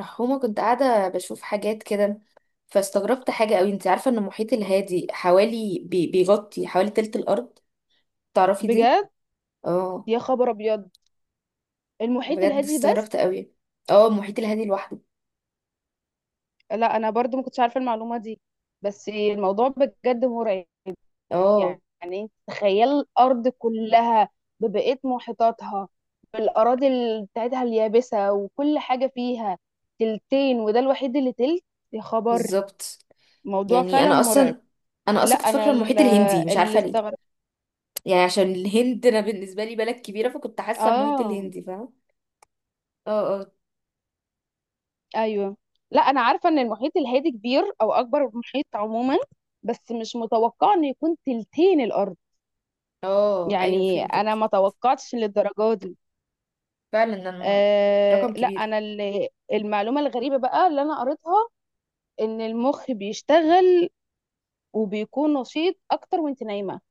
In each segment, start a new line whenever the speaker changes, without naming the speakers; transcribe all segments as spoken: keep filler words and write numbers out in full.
رحومة، كنت قاعدة بشوف حاجات كده. فاستغربت حاجة قوي، انت عارفة ان المحيط الهادي حوالي بي- بيغطي حوالي تلت الارض؟ تعرفي دي؟
بجد؟
اه،
يا خبر ابيض. المحيط
بجد
الهادي بس؟
استغربت قوي. اه المحيط الهادي لوحده.
لا، انا برضو ما كنتش عارفه المعلومه دي. بس الموضوع بجد مرعب.
اه
يعني انت تخيل الارض كلها ببقيه محيطاتها، بالاراضي ال- بتاعتها اليابسه وكل حاجه فيها تلتين، وده الوحيد اللي تلت. يا خبر.
بالظبط.
موضوع
يعني
فعلا
انا
مرعب.
اصلا انا
لا
اصلا كنت
انا
فاكرة
ال-
المحيط الهندي، مش
اللي
عارفة ليه.
استغرب.
يعني عشان الهند انا بالنسبة لي بلد كبيرة، فكنت حاسة المحيط
اه،
الهندي، فاهمة؟ اه اه.
ايوه. لا انا عارفه ان المحيط الهادي كبير، او اكبر محيط عموما، بس مش متوقعه انه يكون تلتين الارض.
اه ايوه
يعني انا ما
فهمتك.
توقعتش للدرجه دي.
فعلا ده الم-
أه
رقم
لا،
كبير.
انا اللي المعلومه الغريبه بقى اللي انا قريتها، ان المخ بيشتغل وبيكون نشيط اكتر وانت نايمه.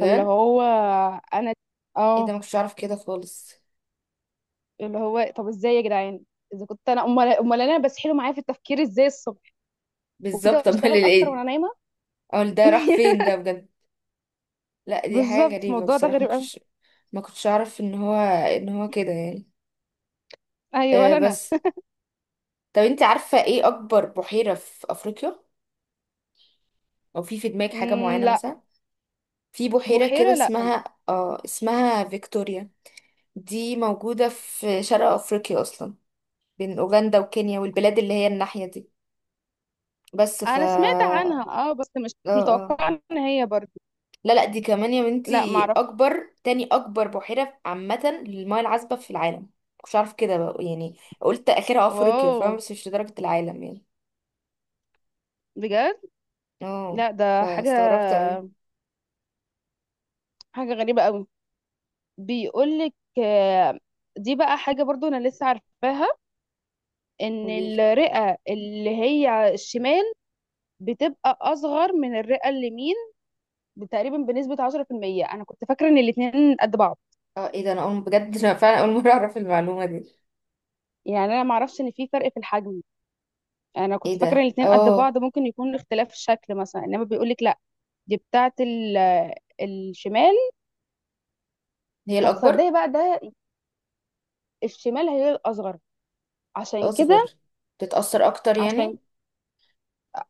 فاللي هو، انا
ايه
اه
ده، ما كنتش اعرف كده خالص.
اللي هو طب ازاي يا جدعان؟ اذا كنت انا، امال امال انا بسحله معايا في التفكير ازاي الصبح، وده
بالظبط. امال
بيشتغل اكتر وانا
ايه،
نايمه.
اقول ده راح فين ده بجد. لا دي حاجة
بالظبط،
غريبة
الموضوع ده
بصراحة. ما
غريب قوي.
كنتش ما كنتش اعرف ان هو ان هو كده يعني.
ايوه
أه
ولا انا.
بس، طب انت عارفة ايه اكبر بحيرة في افريقيا؟ او في في دماغك حاجة
مم،
معينة
لا.
مثلا؟ في بحيرة كده
بحيرة؟ لا.
اسمها اه اسمها فيكتوريا. دي موجودة في شرق افريقيا اصلا، بين اوغندا وكينيا والبلاد اللي هي الناحية دي. بس ف
انا سمعت عنها،
اه
اه، بس مش
اه،
متوقعة ان هي برضو.
لا لا دي كمان يا
لا
بنتي
معرف.
اكبر تاني اكبر بحيرة عامة للمياه العذبة في العالم. مش عارف كده بقى يعني، قلت اخرها افريقيا
واو،
فاهمة، بس مش لدرجة العالم يعني.
بجد.
اه.
لا ده حاجة،
فاستغربت قوي.
حاجة غريبة قوي. بيقولك، آه، دي بقى حاجة برضو انا لسه عارفاها، ان
قوليلي.
الرئة اللي هي الشمال بتبقى اصغر من الرئة اليمين تقريبا بنسبة عشرة في المية. انا كنت فاكرة ان الاتنين قد بعض.
اه ايه ده، انا اول بجد انا فعلا اول مرة اعرف المعلومة دي.
يعني انا معرفش ان في فرق في الحجم. انا كنت
ايه
فاكره
ده
الاتنين قد
اه.
بعض، ممكن يكون اختلاف الشكل مثلا، انما بيقولك لا. دي بتاعه ال- آه، الشمال.
هي
طب
الاكبر؟
صدقي بقى ده، الشمال هي الاصغر. عشان
اصغر.
كده،
بتتأثر اكتر يعني؟
عشان،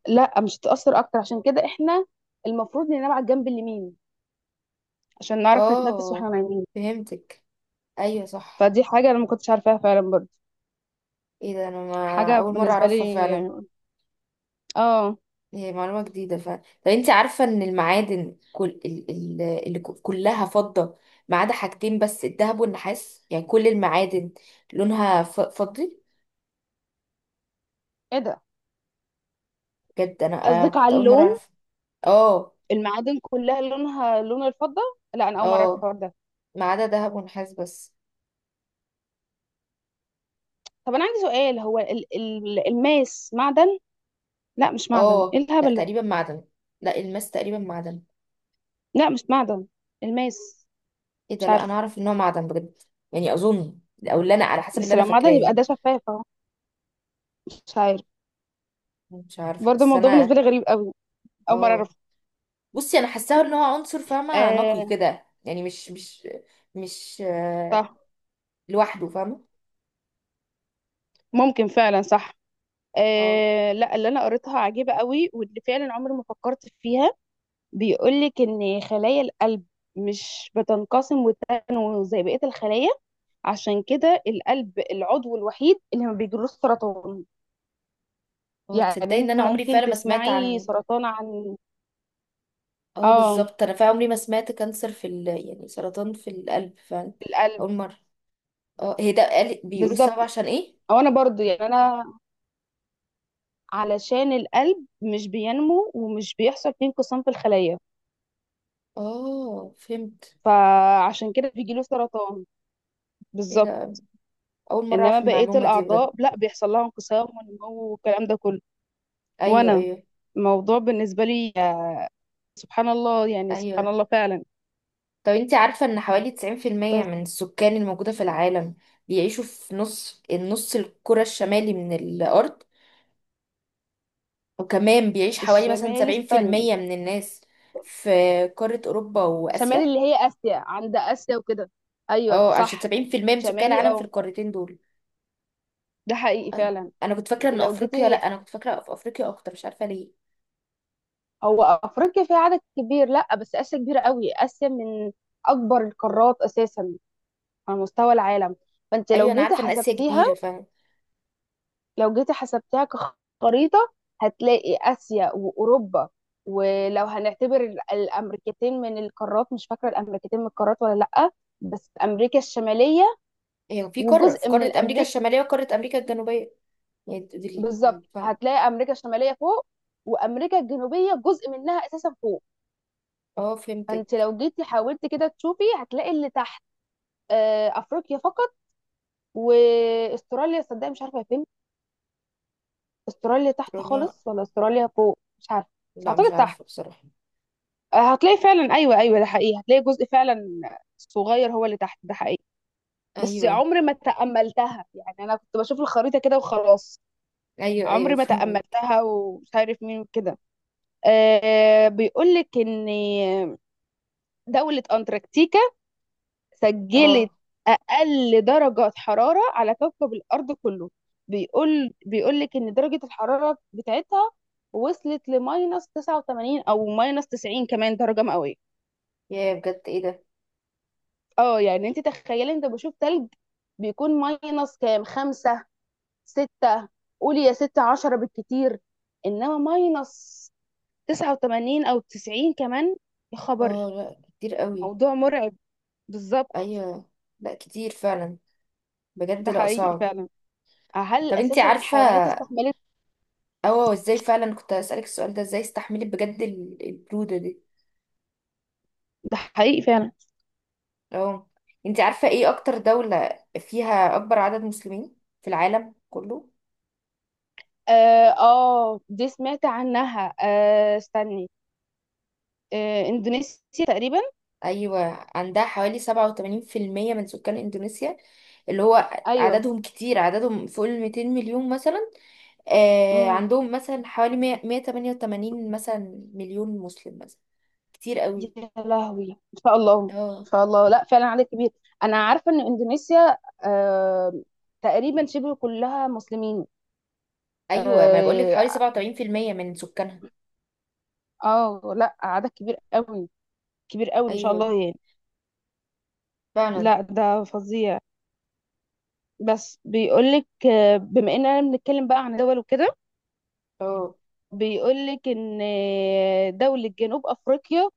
لا مش هتتاثر اكتر. عشان كده احنا المفروض ننام على الجنب اليمين عشان نعرف نتنفس واحنا
اه
نايمين.
فهمتك. ايوه صح.
فدي حاجه انا ما كنتش عارفاها فعلا برضه.
ايه ده، انا ما
حاجه
اول مرة
بالنسبه لي،
اعرفها فعلا.
اه.
هي معلومة جديدة فعلا. طب انت عارفة ان المعادن، كل ال... ال... اللي ك- كلها فضة، ما عدا حاجتين بس الذهب والنحاس، يعني كل المعادن لونها ف... فضي.
ايه ده،
بجد انا آه
قصدك على
كنت اول مرة
اللون؟
اعرف. اه
المعادن كلها لونها لون الفضه؟ لا انا اول مره اعرف
اه،
الحوار ده.
ما عدا ذهب ونحاس بس.
طب انا عندي سؤال، هو ال- ال- الماس معدن؟ لا مش معدن، ايه
اه لا
الهبل ده.
تقريبا معدن، لا الماس تقريبا معدن.
لا مش معدن الماس.
ايه ده،
مش
لا انا
عارفه.
اعرف ان هو معدن بجد. يعني اظن، او اللي انا على حسب اللي
بس
انا
لو
فاكراه
معدن يبقى
يعني.
ده شفاف اهو. مش عارف.
مش عارفة،
برضه
بس
الموضوع بالنسبه
انا،
لي غريب قوي، اول مره اعرف.
اه، بصي انا حاساه ان هو عنصر، فاهمه؟ نقي
آه،
كده يعني، مش مش مش آه،
صح.
لوحده، فاهمه؟
ممكن فعلا، صح.
اه
آه، لا اللي انا قريتها عجيبه قوي، واللي فعلا عمري ما فكرت فيها. بيقول لك ان خلايا القلب مش بتنقسم وتنمو زي بقيه الخلايا. عشان كده القلب العضو الوحيد اللي ما بيجيلوش سرطان.
اه،
يعني
تصدقي ان
انت
انا عمري
ممكن
فعلا ما سمعت
تسمعي
عن،
سرطان عن،
اه
اه،
بالظبط، انا فعلا عمري ما سمعت كانسر في ال... يعني سرطان في القلب فعلا،
القلب.
اول مره. اه هي ده قال... بيقولوا السبب
بالظبط.
عشان ايه.
او انا برضو يعني انا، علشان القلب مش بينمو ومش بيحصل فيه انقسام في الخلية،
اه فهمت.
فعشان كده بيجيله سرطان.
ايه
بالظبط.
ده، اول مره
انما
اعرف
بقية
المعلومه دي بجد.
الاعضاء لا، بيحصل لها انقسام ونمو والكلام ده كله.
ايوه
وانا
ايوه
الموضوع بالنسبة لي سبحان الله، يعني سبحان
ايوه،
الله فعلا.
طب انت عارفه ان حوالي تسعين في المية
بس
من السكان الموجوده في العالم بيعيشوا في نص النص الكرة الشمالي من الأرض، وكمان بيعيش حوالي مثلا
الشمال،
سبعين في
استنى.
المية من الناس في قارة أوروبا
شمال
وآسيا.
اللي هي اسيا، عند اسيا وكده. ايوه
اه عشان
صح.
سبعين في المية من سكان
شمالي،
العالم في
اه.
القارتين دول.
ده حقيقي
أيوة.
فعلا.
أنا كنت فاكرة
انت
إن
لو
أفريقيا،
جيتي،
لأ، أنا كنت فاكرة في أفريقيا أكتر، مش عارفة ليه.
هو افريقيا فيها عدد كبير، لا، بس اسيا كبيره قوي. اسيا من اكبر القارات اساسا على مستوى العالم. فانت
أيوة
لو
أنا
جيتي
عارفة إن آسيا
حسبتيها،
كبيرة، فاهم.
لو جيتي حسبتيها كخريطه، هتلاقي اسيا واوروبا. ولو هنعتبر ال- الامريكتين من القارات، مش فاكره الامريكتين من القارات ولا لا، بس امريكا الشماليه
هي في قارة في
وجزء من
قارة أمريكا
الامريكا.
الشمالية وقارة أمريكا الجنوبية. يعني دي- دي-
بالظبط،
دي- فاهم.
هتلاقي امريكا الشماليه فوق وامريكا الجنوبيه جزء منها اساسا فوق.
اه
فانت
فهمتك.
لو جيتي حاولتي كده تشوفي، هتلاقي اللي تحت آه، افريقيا فقط، واستراليا صدق مش عارفه هي فين. استراليا تحت
أستراليا،
خالص ولا استراليا فوق، مش عارفه. بس
لا مش
اعتقد تحت.
عارفة بصراحة.
آه، هتلاقي فعلا، ايوه ايوه، ده حقيقي. هتلاقي جزء فعلا صغير هو اللي تحت، ده حقيقي. بس
أيوة
عمري ما تأملتها. يعني انا كنت بشوف الخريطه كده وخلاص،
أيوة أيوة
عمري ما
فهمت.
تأملتها، ومش عارف مين وكده. أه، بيقول لك ان دولة انتاركتيكا
اه
سجلت اقل درجه حراره على كوكب الارض كله. بيقول بيقول لك ان درجه الحراره بتاعتها وصلت لماينس تسعة وثمانين او ماينس تسعين كمان درجه مئويه.
يا بجد ايه ده.
اه، يعني انت تخيلي، انت بشوف تلج بيكون ماينس كام، خمسة، ستة، قولي يا ستة عشرة بالكتير، انما ماينس تسعة وثمانين او تسعين كمان. يا
اه
خبر،
لا كتير قوي.
موضوع مرعب. بالظبط.
أيوة لا كتير فعلا. بجد
ده
لا
حقيقي
صعب.
فعلا. هل
طب انتي
اساسا
عارفة،
الحيوانات استحملت؟
اه ازاي فعلا، كنت هسألك السؤال ده، ازاي استحملت بجد ال- البرودة دي؟
ده حقيقي فعلا.
اه، انتي عارفة ايه اكتر دولة فيها اكبر عدد مسلمين في العالم كله؟
اه. آه، دي سمعت عنها. آه، استني. آه، اندونيسيا تقريبا.
ايوه عندها حوالي سبعة وثمانين في المية من سكان اندونيسيا، اللي هو
ايوه.
عددهم كتير، عددهم فوق ال مئتين مليون مثلا. آه
امم
عندهم مثلا حوالي مية مية وثمانية وثمانين مثلا مليون مسلم مثلا. كتير قوي.
يا لهوي، ان شاء الله.
اه
ان شاء الله، لا فعلا عليك كبير. انا عارفه ان اندونيسيا، آه تقريبا شبه كلها مسلمين.
ايوه، ما انا بقول لك
اه.
حوالي سبعة وثمانين في المية من سكانها.
آه، لا عدد كبير قوي. كبير قوي ما شاء
ايوه
الله يعني.
فعلا.
لا ده فظيع. بس بيقولك، آه، بما اننا بنتكلم بقى عن دول وكده،
اه
بيقولك ان آه، دولة جنوب افريقيا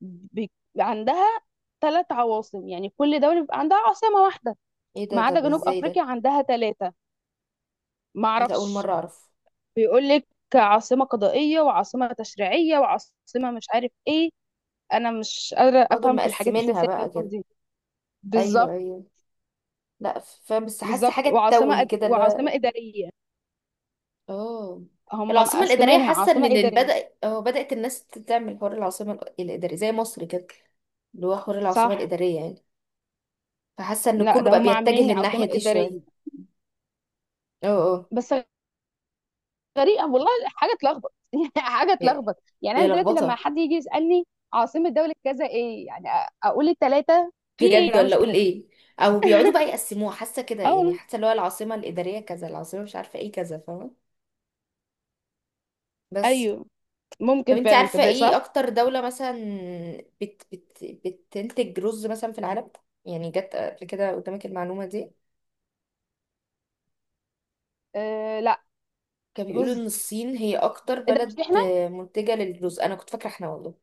بي- عندها ثلاث عواصم. يعني كل دولة بيبقى عندها عاصمة واحدة،
ايه ده،
ما عدا
طب
جنوب
ازاي
أفريقيا
ده؟
عندها ثلاثة. ما
ايه ده، اول
أعرفش.
مره اعرف.
بيقول لك عاصمة قضائية، وعاصمة تشريعية، وعاصمة مش عارف إيه. أنا مش قادرة
اه دول
أفهم في الحاجات
مقسمينها
السياسية
بقى
بتاعتهم
كده.
دي.
ايوه
بالظبط.
ايوه. لا فاهم، بس حاسه
بالظبط،
حاجه
وعاصمة
تتوه
أد...
كده اللي
وعاصمة
هو،
إدارية.
اه،
هم
العاصمه الاداريه.
مقسمينها
حاسه ان
عاصمة
إن
إدارية.
بدا اه بدات الناس تعمل حوار العاصمه الاداريه زي مصر كده، اللي هو حوار العاصمه
صح.
الاداريه يعني. فحاسه ان
لا
كله
ده
بقى
هم
بيتجه
عاملين
للناحيه
عاصمة
دي
إدارية
شويه. اه اه.
بس. غريبه والله. حاجه تلخبط. يعني حاجه
هي
تلخبط. يعني
هي
انا دلوقتي لما
لخبطه،
حد يجي يسالني عاصمه دوله كذا ايه، يعني أ- اقول الثلاثه، في ايه،
بجد،
لا
ولا
مش
اقول
كده.
ايه؟ او بيقعدوا بقى يقسموها، حاسه كده
اه
يعني،
والله.
حاسه اللي هو العاصمه الاداريه كذا، العاصمه مش عارفه ايه كذا، فاهمه؟ بس،
ايوه.
طب
ممكن
انت
فعلا،
عارفة
تصدق،
ايه
صح.
اكتر دولة مثلا بت بت بتنتج رز مثلا في العالم؟ يعني جت قبل كده قدامك المعلومة دي؟
آه، لا.
كانوا بيقولوا
رز؟
ان الصين هي اكتر
ايه ده
بلد
مش احنا؟
منتجة للرز. انا كنت فاكرة احنا والله،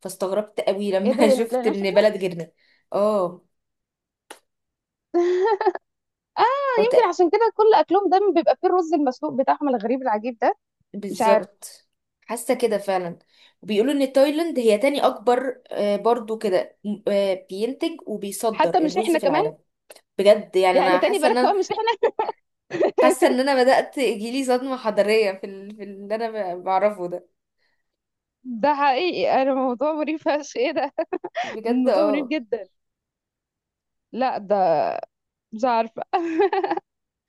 فاستغربت قوي
ايه ده،
لما
يعني ما
شفت
طلعناش
ان
احنا؟
بلد غيرنا. اه
اه.
هو
يمكن
تق-
عشان كده كل اكلهم دايما بيبقى فيه الرز المسلوق بتاعهم الغريب العجيب ده. مش عارف.
بالظبط، حاسة كده فعلا. وبيقولوا ان تايلاند هي تاني اكبر، آه، برضو كده، م- آه، بينتج وبيصدر
حتى مش
الرز
احنا
في
كمان؟
العالم. بجد، يعني
يعني
انا
تاني
حاسة
بالك
ان،
كمان مش احنا.
حاسه ان انا بدات يجيلي صدمه حضاريه في ال... في اللي انا ب- بعرفه ده.
ده حقيقي. انا موضوع مريب فشخ، ايه ده.
بجد
موضوع مريب
اه.
جدا. لا ده، مش عارفه.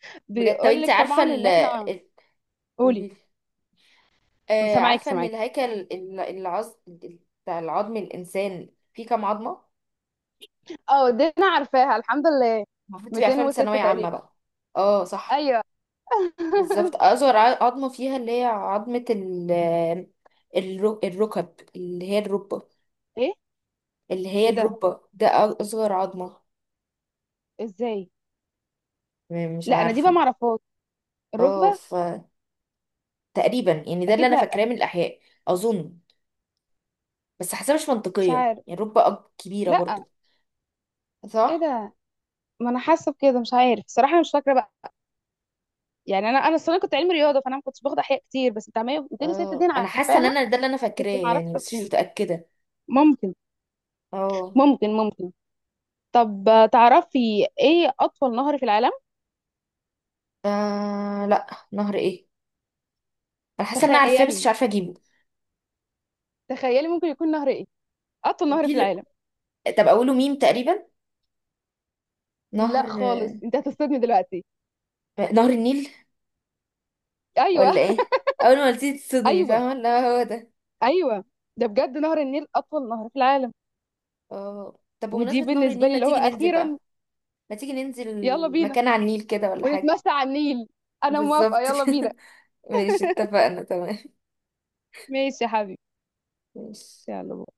بجد طب
بيقول
انت
لك
عارفه
طبعا
ال
ان احنا.
ال-
قولي.
قولي لي. آه
سامعاكي
عارفه ان
سامعاكي.
الهيكل ال- العظ ال- بتاع العظم، الانسان فيه كام عظمه؟
اه دي انا عارفاها الحمد لله.
المفروض تبقى عارفاها من
ميتين وستة
ثانويه عامه
تقريبا.
بقى. اه صح.
ايوه.
بالظبط اصغر ع- عظمه فيها، اللي هي عظمه ال الرو- الركب، اللي هي الركبه،
ايه؟
اللي هي
ايه ده؟
الركبه ده اصغر عظمه.
ازاي؟
م- مش
لا انا دي بقى
عارفه.
معرفهاش،
اه
الركبه.
تقريبا يعني ده اللي
اكيد
انا
لا.
فاكراه من الاحياء، اظن. بس حاسه مش
مش
منطقيه
عارف.
يعني، رب اب كبيره
لا.
برضو.
ايه
صح.
ده. ما انا حاسه بكده مش عارف الصراحه. أنا مش فاكره بقى. يعني انا انا الصراحه كنت علمي رياضه، فانا ما كنتش باخد احياء كتير، بس بتاع مية ميتين وستة دي
اه
انا
انا حاسه ان
عارفاها،
انا ده اللي انا
بس
فاكراه
ما اعرفش
يعني، بس مش
تفاصيلها.
متاكده.
ممكن
اه
ممكن ممكن. طب، آه، تعرفي ايه اطول نهر في العالم؟
آه، لا. نهر ايه؟ انا حاسه ان انا عارفاه بس مش
تخيلي،
عارفه اجيبه.
تخيلي ممكن يكون نهر ايه اطول نهر
وفي
في
ال...
العالم.
طب اقوله ميم تقريبا.
لا
نهر، آه،
خالص انت هتصدمني دلوقتي.
نهر النيل؟
ايوه،
ولا ايه؟ اول ما قلتيه تصدمي،
ايوه،
فاهمه؟ لا هو ده.
ايوه، ده بجد نهر النيل اطول نهر في العالم.
اه طب
ودي
بمناسبه نهر
بالنسبه
النيل،
لي
ما
اللي هو
تيجي ننزل
اخيرا.
بقى، ما تيجي ننزل
يلا بينا،
مكان على النيل كده ولا حاجه؟
ونتمشى على النيل. انا موافقه،
بالظبط
يلا بينا.
كده، ماشي، اتفقنا، تمام.
ماشي يا حبيبي.
ماشي.
يلا.